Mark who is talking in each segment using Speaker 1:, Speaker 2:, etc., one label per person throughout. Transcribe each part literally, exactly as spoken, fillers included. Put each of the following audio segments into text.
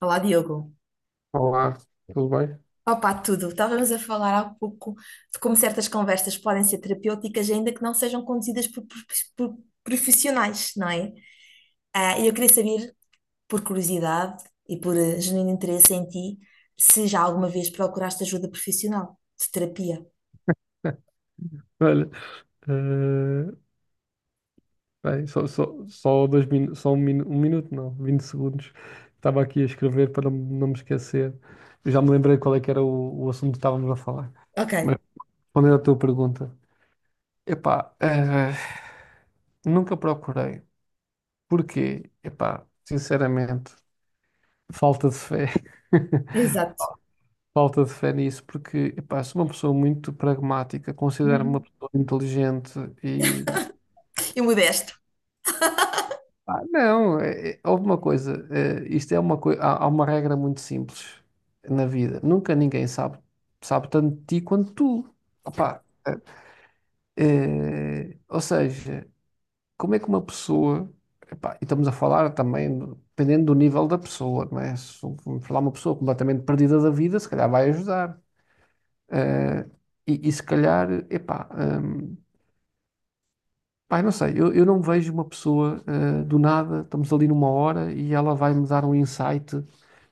Speaker 1: Olá, Diogo.
Speaker 2: Olá, tudo bem?
Speaker 1: Opa, tudo. Estávamos a falar há pouco de como certas conversas podem ser terapêuticas, ainda que não sejam conduzidas por, por- por profissionais, não é? Ah, E eu queria saber, por curiosidade e por eh, genuíno interesse em ti, se já alguma vez procuraste ajuda profissional de terapia.
Speaker 2: Olha, eh, bem, só, só, só, dois minu só um, minu um minuto, não, vinte segundos. Estava aqui a escrever para não não me esquecer. Eu já me lembrei qual é que era o, o assunto que estávamos a falar.
Speaker 1: Ok,
Speaker 2: Mas respondendo à tua pergunta, epá, eh, nunca procurei. Porquê? Epá, sinceramente, falta de fé.
Speaker 1: exato.
Speaker 2: Falta de fé nisso, porque epá, sou uma pessoa muito pragmática, considero-me uma
Speaker 1: Uhum.
Speaker 2: pessoa inteligente.
Speaker 1: E modesto.
Speaker 2: Ah, não, é, é- houve uma coisa, eh, isto é uma coisa, há, há uma regra muito simples na vida. Nunca ninguém sabe, sabe tanto de ti quanto tu.
Speaker 1: Certo.
Speaker 2: Opá, eh, eh, ou seja, como é que uma pessoa, epá, e estamos a falar também, do- dependendo do nível da pessoa, não é? Se vamos falar uma pessoa completamente perdida da vida, se calhar vai ajudar. Eh, e, e se calhar, epá, hum, pá, não sei, eu, eu não vejo uma pessoa eh, do nada, estamos ali numa hora e ela vai me dar um insight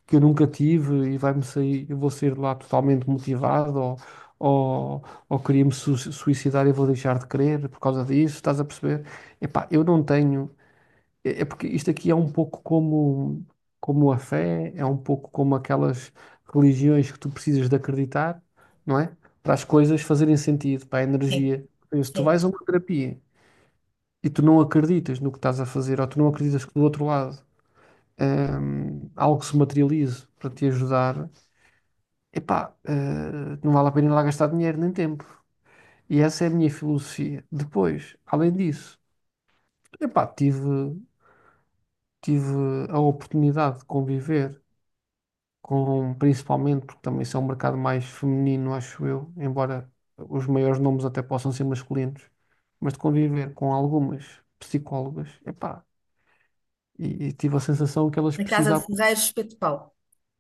Speaker 2: que eu nunca tive e vai-me sair, eu vou sair de lá totalmente motivado ou, ou, ou, queria-me su- suicidar e vou deixar de querer por causa disso, estás a perceber? Epá, eu não tenho, é é porque isto aqui é um pouco como, como a fé, é um pouco como aquelas religiões que tu precisas de acreditar, não é? Para as coisas fazerem sentido, para a
Speaker 1: Sim,
Speaker 2: energia. Se tu
Speaker 1: sim.
Speaker 2: vais a uma terapia e tu não acreditas no que estás a fazer, ou tu não acreditas que do outro lado hum, algo se materialize para te ajudar. Epá, eh, não vale a pena ir lá gastar dinheiro nem tempo. E essa é a minha filosofia. Depois, além disso, epá, tive, tive a oportunidade de conviver com, principalmente, porque também isso é um mercado mais feminino, acho eu, embora os maiores nomes até possam ser masculinos, mas de conviver com algumas psicólogas, epá, e, e tive a sensação que elas
Speaker 1: Na casa de
Speaker 2: precisavam,
Speaker 1: Ferreiros, espeto de pau.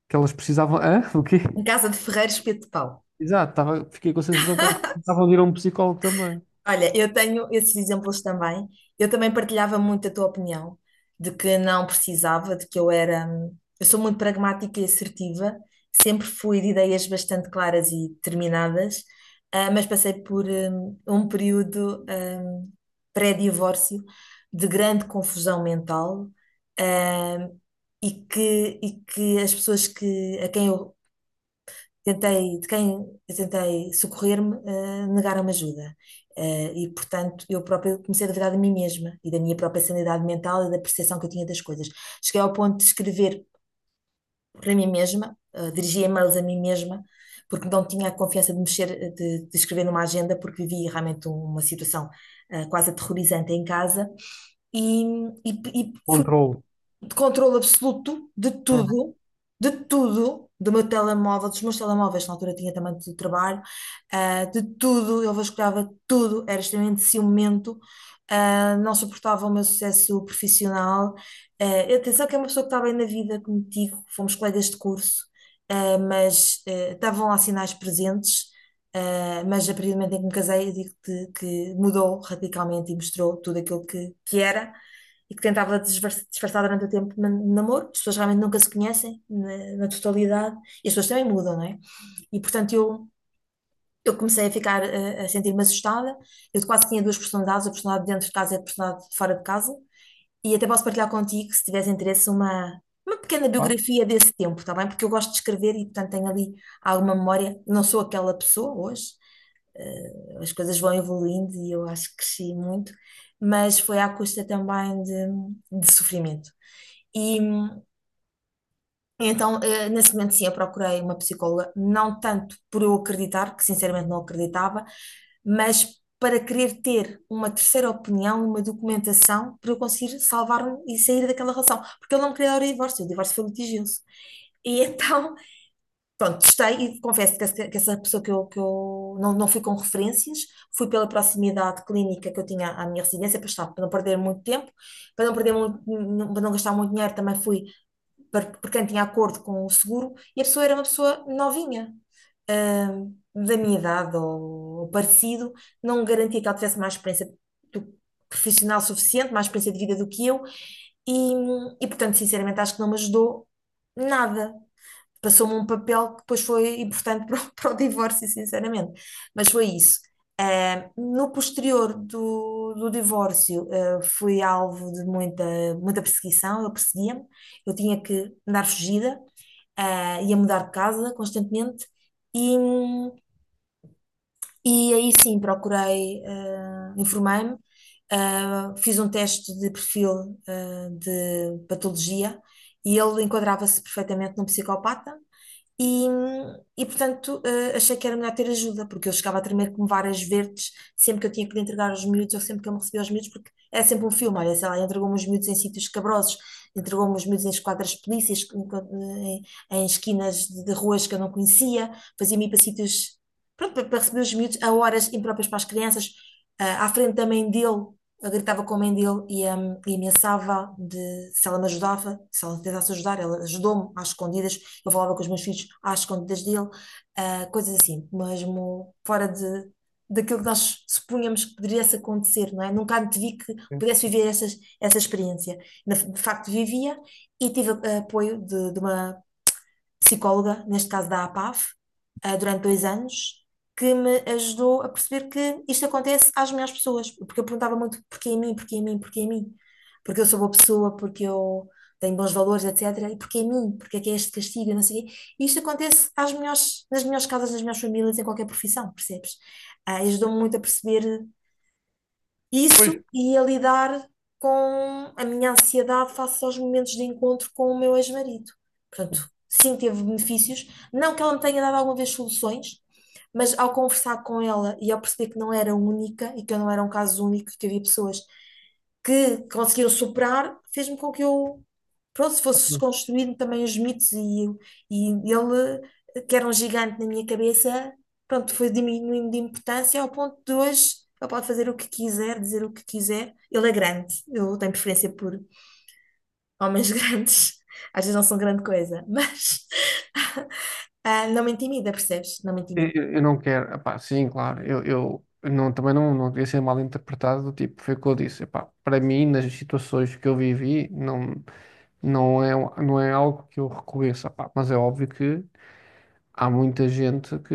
Speaker 2: que elas precisavam, hã? O quê?
Speaker 1: Na casa de Ferreiros, espeto de pau.
Speaker 2: Exato, tava, fiquei com a sensação que elas precisavam de ir a um psicólogo também.
Speaker 1: Olha, eu tenho esses exemplos também. Eu também partilhava muito a tua opinião de que não precisava, de que eu era. Eu sou muito pragmática e assertiva, sempre fui de ideias bastante claras e determinadas. Ah, mas passei por hum, um período hum, pré-divórcio de grande confusão mental, hum, e que, e que as pessoas que, a quem eu tentei, de quem eu tentei socorrer-me, eh, negaram-me ajuda. Eh, e, portanto, eu própria comecei a duvidar de mim mesma e da minha própria sanidade mental e da percepção que eu tinha das coisas. Cheguei ao ponto de escrever para mim mesma, eh, dirigir e-mails a mim mesma, porque não tinha a confiança de mexer, eh, de, de escrever numa agenda, porque vivia realmente uma situação eh, quase aterrorizante em casa. E, e, e fui
Speaker 2: Controlo.
Speaker 1: de controle absoluto de
Speaker 2: Uhum.
Speaker 1: tudo, de tudo, do meu telemóvel, dos meus telemóveis, na altura tinha também do trabalho, ah, de tudo, ele vasculhava tudo, era extremamente ciumento, ah, não suportava o meu sucesso profissional. Ah, atenção que é uma pessoa que está bem na vida contigo, fomos colegas de curso, ah, mas ah, estavam lá sinais presentes. ah, mas a partir do momento em que me casei, eu digo-te que mudou radicalmente e mostrou tudo aquilo que, que, era, e que tentava disfar- disfarçar durante o tempo de man- de namoro. As pessoas realmente nunca se conhecem na, na, totalidade, e as pessoas também mudam, não é? E portanto eu, eu comecei a ficar, eh, a, sentir-me assustada, eu quase tinha duas personalidades, a personalidade dentro de casa e a personalidade de fora de casa, e até posso partilhar contigo, se tiveres interesse, uma, uma pequena
Speaker 2: Pá.
Speaker 1: biografia desse tempo, está bem? Porque eu gosto de escrever e portanto tenho ali alguma memória, não sou aquela pessoa hoje, eh, as coisas vão evoluindo e eu acho que cresci muito, mas foi à custa também de, de sofrimento. E hum, então, eh, nesse momento, sim, eu procurei uma psicóloga, não tanto por eu acreditar, que sinceramente não acreditava, mas para querer ter uma terceira opinião, uma documentação, para eu conseguir salvar-me e sair daquela relação. Porque eu não me queria dar o divórcio, o divórcio foi litigioso. E então Pronto, testei e confesso que essa, que essa pessoa que eu, que eu não, não fui com referências, fui pela proximidade clínica que eu tinha à minha residência para estar, para não perder muito tempo, para não perder muito, para não gastar muito dinheiro, também fui para, por quem tinha acordo com o seguro, e a pessoa era uma pessoa novinha, hum, da minha idade ou, ou parecido, não garantia que ela tivesse mais experiência do- profissional suficiente, mais experiência de vida do que eu, e, e portanto, sinceramente, acho que não me ajudou nada. Passou-me um papel que depois foi importante para o, para o divórcio, sinceramente. Mas foi isso. Ah, no posterior do, do divórcio, ah, fui alvo de muita, muita perseguição, ele perseguia-me, eu tinha que andar fugida, ah, ia mudar de casa constantemente. E, hum, e aí sim, procurei, eh, informei-me, eh, fiz um teste de perfil, eh, de patologia e ele enquadrava-se perfeitamente num psicopata. E, e, portanto, eh, achei que era melhor ter ajuda, porque eu chegava a tremer como varas verdes sempre que eu tinha que lhe entregar os miúdos ou sempre que eu me recebia os miúdos, porque era sempre um filme. Olha, sei lá, entregou-me os miúdos em sítios escabrosos, entregou-me os miúdos em esquadras de polícias, em, em em esquinas de, de ruas que eu não conhecia, fazia-me ir para sítios, pronto, para, para receber os miúdos a horas impróprias para as crianças, ah, à frente da mãe dele. Eu gritava com a mãe dele e, hum, e ameaçava de, se ela me ajudava, se ela tentasse ajudar, ela ajudou-me às escondidas, eu falava com os meus filhos às escondidas dele, ah, coisas assim, mesmo fora de, daquilo que nós supunhamos que poderia acontecer, não é? Nunca antevi que pudesse viver essas, essa experiência. Na- De facto, vivia. E tive ah, apoio de, de uma psicóloga, neste caso da APAV, eh, durante dois anos, que me ajudou a perceber que isto acontece às melhores pessoas, porque eu perguntava muito porquê a mim, porquê a mim, porquê a mim, porque eu sou boa pessoa, porque eu tenho bons valores, etecetera. E porquê a mim, porque é que é este castigo, não sei o quê. E isto acontece às melhores, nas melhores casas, nas melhores famílias, em qualquer profissão, percebes? Ah, ajudou-me muito a perceber
Speaker 2: Pois,
Speaker 1: isso e a lidar com a minha ansiedade face aos momentos de encontro com o meu ex-marido. Portanto, sim, teve benefícios. Não que ela me tenha dado alguma vez soluções, mas ao conversar com ela e ao perceber que não era única e que eu não era um caso único, que havia pessoas que conseguiram superar, fez-me com que eu, pronto, se fosse desconstruindo também os mitos e, e ele, que era um gigante na minha cabeça, pronto, foi diminuindo de importância ao ponto de hoje ele pode fazer o que quiser, dizer o que quiser. Ele é grande, eu tenho preferência por homens grandes, às vezes não são grande coisa, mas ah, não me intimida, percebes? Não me
Speaker 2: eu,
Speaker 1: intimida.
Speaker 2: eu- não quero, epá, sim, claro, eu, eu não, também não, não queria ser mal interpretado, do tipo, foi o que eu disse, epá, para mim, nas situações que eu vivi, não, não é, um- não é algo que eu reconheça, epá, mas é óbvio que há muita gente que,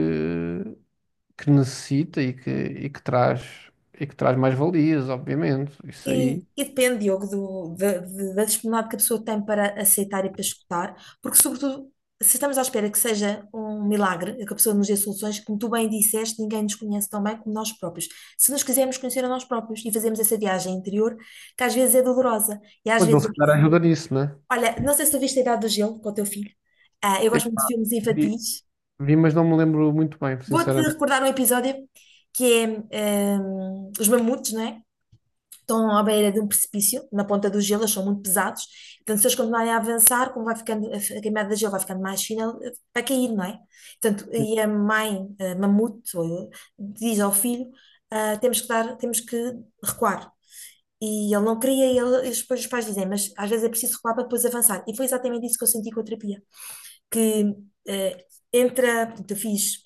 Speaker 2: que necessita e que, e que traz, e que traz mais valias, obviamente, isso
Speaker 1: E,
Speaker 2: aí,
Speaker 1: e depende, Diogo, do- da, de- da disponibilidade que a pessoa tem para aceitar e para escutar, porque, sobretudo, se estamos à espera que seja um milagre, que a pessoa nos dê soluções, como tu bem disseste, ninguém nos conhece tão bem como nós próprios. Se nos quisermos conhecer a nós próprios e fazemos essa viagem interior, que às vezes é dolorosa, e às
Speaker 2: pois ele
Speaker 1: vezes.
Speaker 2: se calhar ajuda nisso, né?
Speaker 1: Olha, não sei se tu viste a Idade do Gelo com o teu filho. Ah, eu gosto muito de filmes infantis.
Speaker 2: Vi, mas não me lembro muito bem,
Speaker 1: Vou-te
Speaker 2: sinceramente.
Speaker 1: recordar um episódio que é, hum, Os Mamutes, não é? Estão à beira de um precipício, na ponta do gelo, eles são muito pesados, portanto, se eles continuarem a avançar, como vai ficando, a camada de gelo vai ficando mais fina, eh, vai cair, não é? Portanto, e a mãe, a mamute, ou- diz ao filho, ah, temos que dar, temos que recuar. E ele não queria, e ele- e depois os pais dizem, mas às vezes é preciso recuar para depois avançar. E foi exatamente isso que eu senti com a terapia, que eh, entra, portanto, eu fiz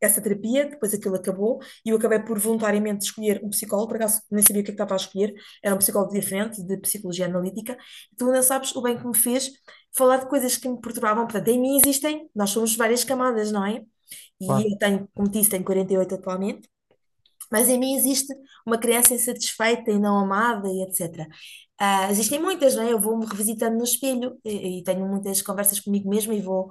Speaker 1: essa terapia, depois aquilo acabou, e eu acabei por voluntariamente escolher um psicólogo, por acaso nem sabia o que é que estava a escolher, era um psicólogo diferente, de psicologia analítica. Tu não sabes o bem que me fez falar de coisas que me perturbavam, portanto, em mim existem, nós somos várias camadas, não é? E
Speaker 2: Claro.
Speaker 1: eu tenho, como disse, tenho quarenta e oito atualmente, mas em mim existe uma criança insatisfeita e não amada e etecetera. Ah, existem muitas, não é? Eu vou-me revisitando no espelho e, e tenho muitas conversas comigo mesma e vou,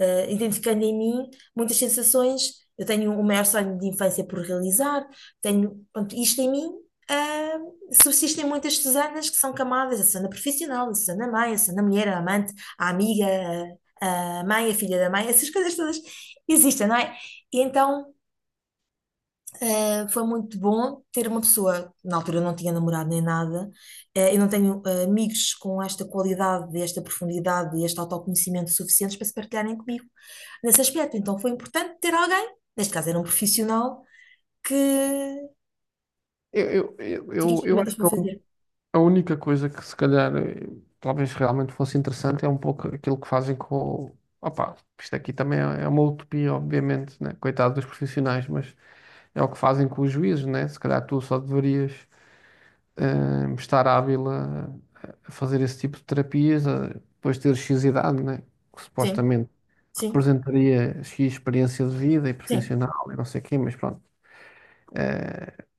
Speaker 1: ah, identificando em mim muitas sensações. Eu tenho o maior sonho de infância por realizar, tenho, pronto, isto em mim. ah, subsistem muitas Susanas que são camadas, a Susana profissional, a Susana mãe, a Susana mulher, a amante, a amiga, a a mãe, a filha da mãe, essas coisas todas existem, não é? E então Uh, foi muito bom ter uma pessoa, na altura eu não tinha namorado nem nada. Uh, eu não tenho, uh, amigos com esta qualidade, esta profundidade e este autoconhecimento suficientes para se partilharem comigo nesse aspecto. Então foi importante ter alguém, neste caso era um profissional, que
Speaker 2: Eu, eu, eu,
Speaker 1: tinha as
Speaker 2: eu, eu
Speaker 1: ferramentas
Speaker 2: acho que
Speaker 1: para
Speaker 2: eu,
Speaker 1: fazer.
Speaker 2: a única coisa que se calhar eh, talvez realmente fosse interessante é um pouco aquilo que fazem com o. Opa, isto aqui também é é uma utopia, obviamente, né? Coitado dos profissionais, mas é o que fazem com os juízes, né? Se calhar tu só deverias eh, estar hábil a, a fazer esse tipo de terapias, a, depois de ter X idade, né? Que
Speaker 1: Sim,
Speaker 2: supostamente
Speaker 1: sim,
Speaker 2: representaria X experiência de vida e
Speaker 1: sim,
Speaker 2: profissional e não sei o quê, mas pronto.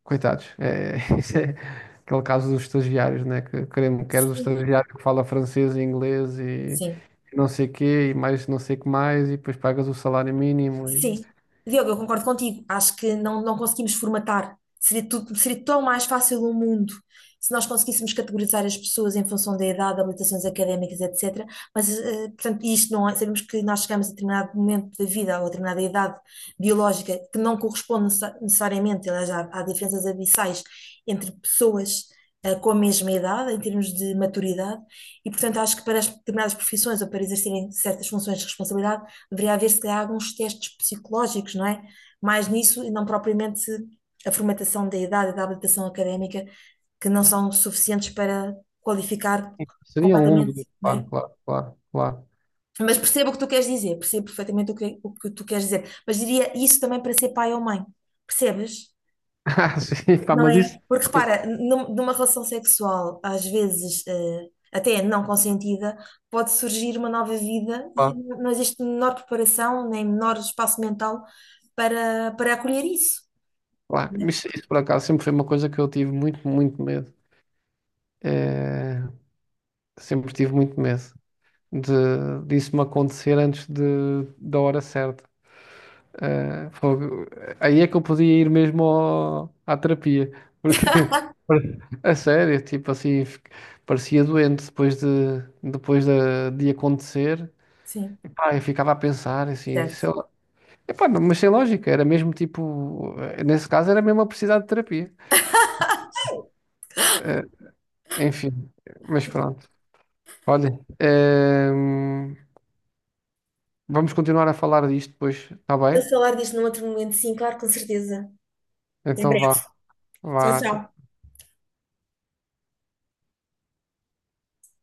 Speaker 2: Coitados. É, isso é aquele caso dos estagiários, né? Que queremos, queres o
Speaker 1: sim,
Speaker 2: estagiário que fala francês e inglês e
Speaker 1: sim.
Speaker 2: não sei quê, e mais não sei o que mais, e depois pagas o salário mínimo. E.
Speaker 1: Sim, Diogo, eu concordo contigo. Acho que não, não conseguimos formatar. Seria tudo, seria tão mais fácil o mundo se nós conseguíssemos categorizar as pessoas em função da idade, habilitações académicas, etecetera. Mas, eh, portanto, isto não é. Sabemos que nós chegamos a determinado momento da vida ou a determinada idade biológica que não corresponde necessa- necessariamente, aliás, há, há diferenças abissais entre pessoas. eh, Com a mesma idade, em termos de maturidade, e portanto acho que para as determinadas profissões ou para exercerem certas funções de responsabilidade deveria haver, se calhar, alguns testes psicológicos, não é? Mais nisso e não propriamente a formatação da idade e da habilitação académica, que não são suficientes para qualificar
Speaker 2: Seria um mundo,
Speaker 1: completamente, não é?
Speaker 2: claro, claro, claro, claro.
Speaker 1: Mas percebo o que tu queres dizer, percebo perfeitamente o que, o que tu queres dizer, mas diria isso também para ser pai ou mãe, percebes?
Speaker 2: Ah, sim, pá,
Speaker 1: Não
Speaker 2: mas
Speaker 1: é?
Speaker 2: isso,
Speaker 1: Porque
Speaker 2: isso,
Speaker 1: repara, num- numa relação sexual, às vezes, eh, até não consentida, pode surgir uma nova vida e
Speaker 2: claro,
Speaker 1: não existe menor preparação, nem menor espaço mental para, para acolher isso.
Speaker 2: claro.
Speaker 1: Não é?
Speaker 2: Isso, isso por acaso sempre foi uma coisa que eu tive muito, muito medo. É, sempre tive muito medo de disso me acontecer antes de, da hora certa. Ah, fogo. Aí é que eu podia ir mesmo ao- à terapia, porque a sério, tipo assim, fi- parecia doente depois de, depois de, de acontecer.
Speaker 1: Sim,
Speaker 2: Epá, eu ficava a pensar assim, sei
Speaker 1: certo.
Speaker 2: lá. Epá, não, mas sem lógica, era mesmo tipo, eh, nesse caso era mesmo a precisar de terapia. Eh, enfim, mas pronto. Olha, ehm, vamos continuar a falar disto depois, está
Speaker 1: A
Speaker 2: bem?
Speaker 1: falar disto num outro momento, sim, claro, com certeza. Até
Speaker 2: Então
Speaker 1: breve.
Speaker 2: vá,
Speaker 1: Tchau,
Speaker 2: vá.
Speaker 1: tchau.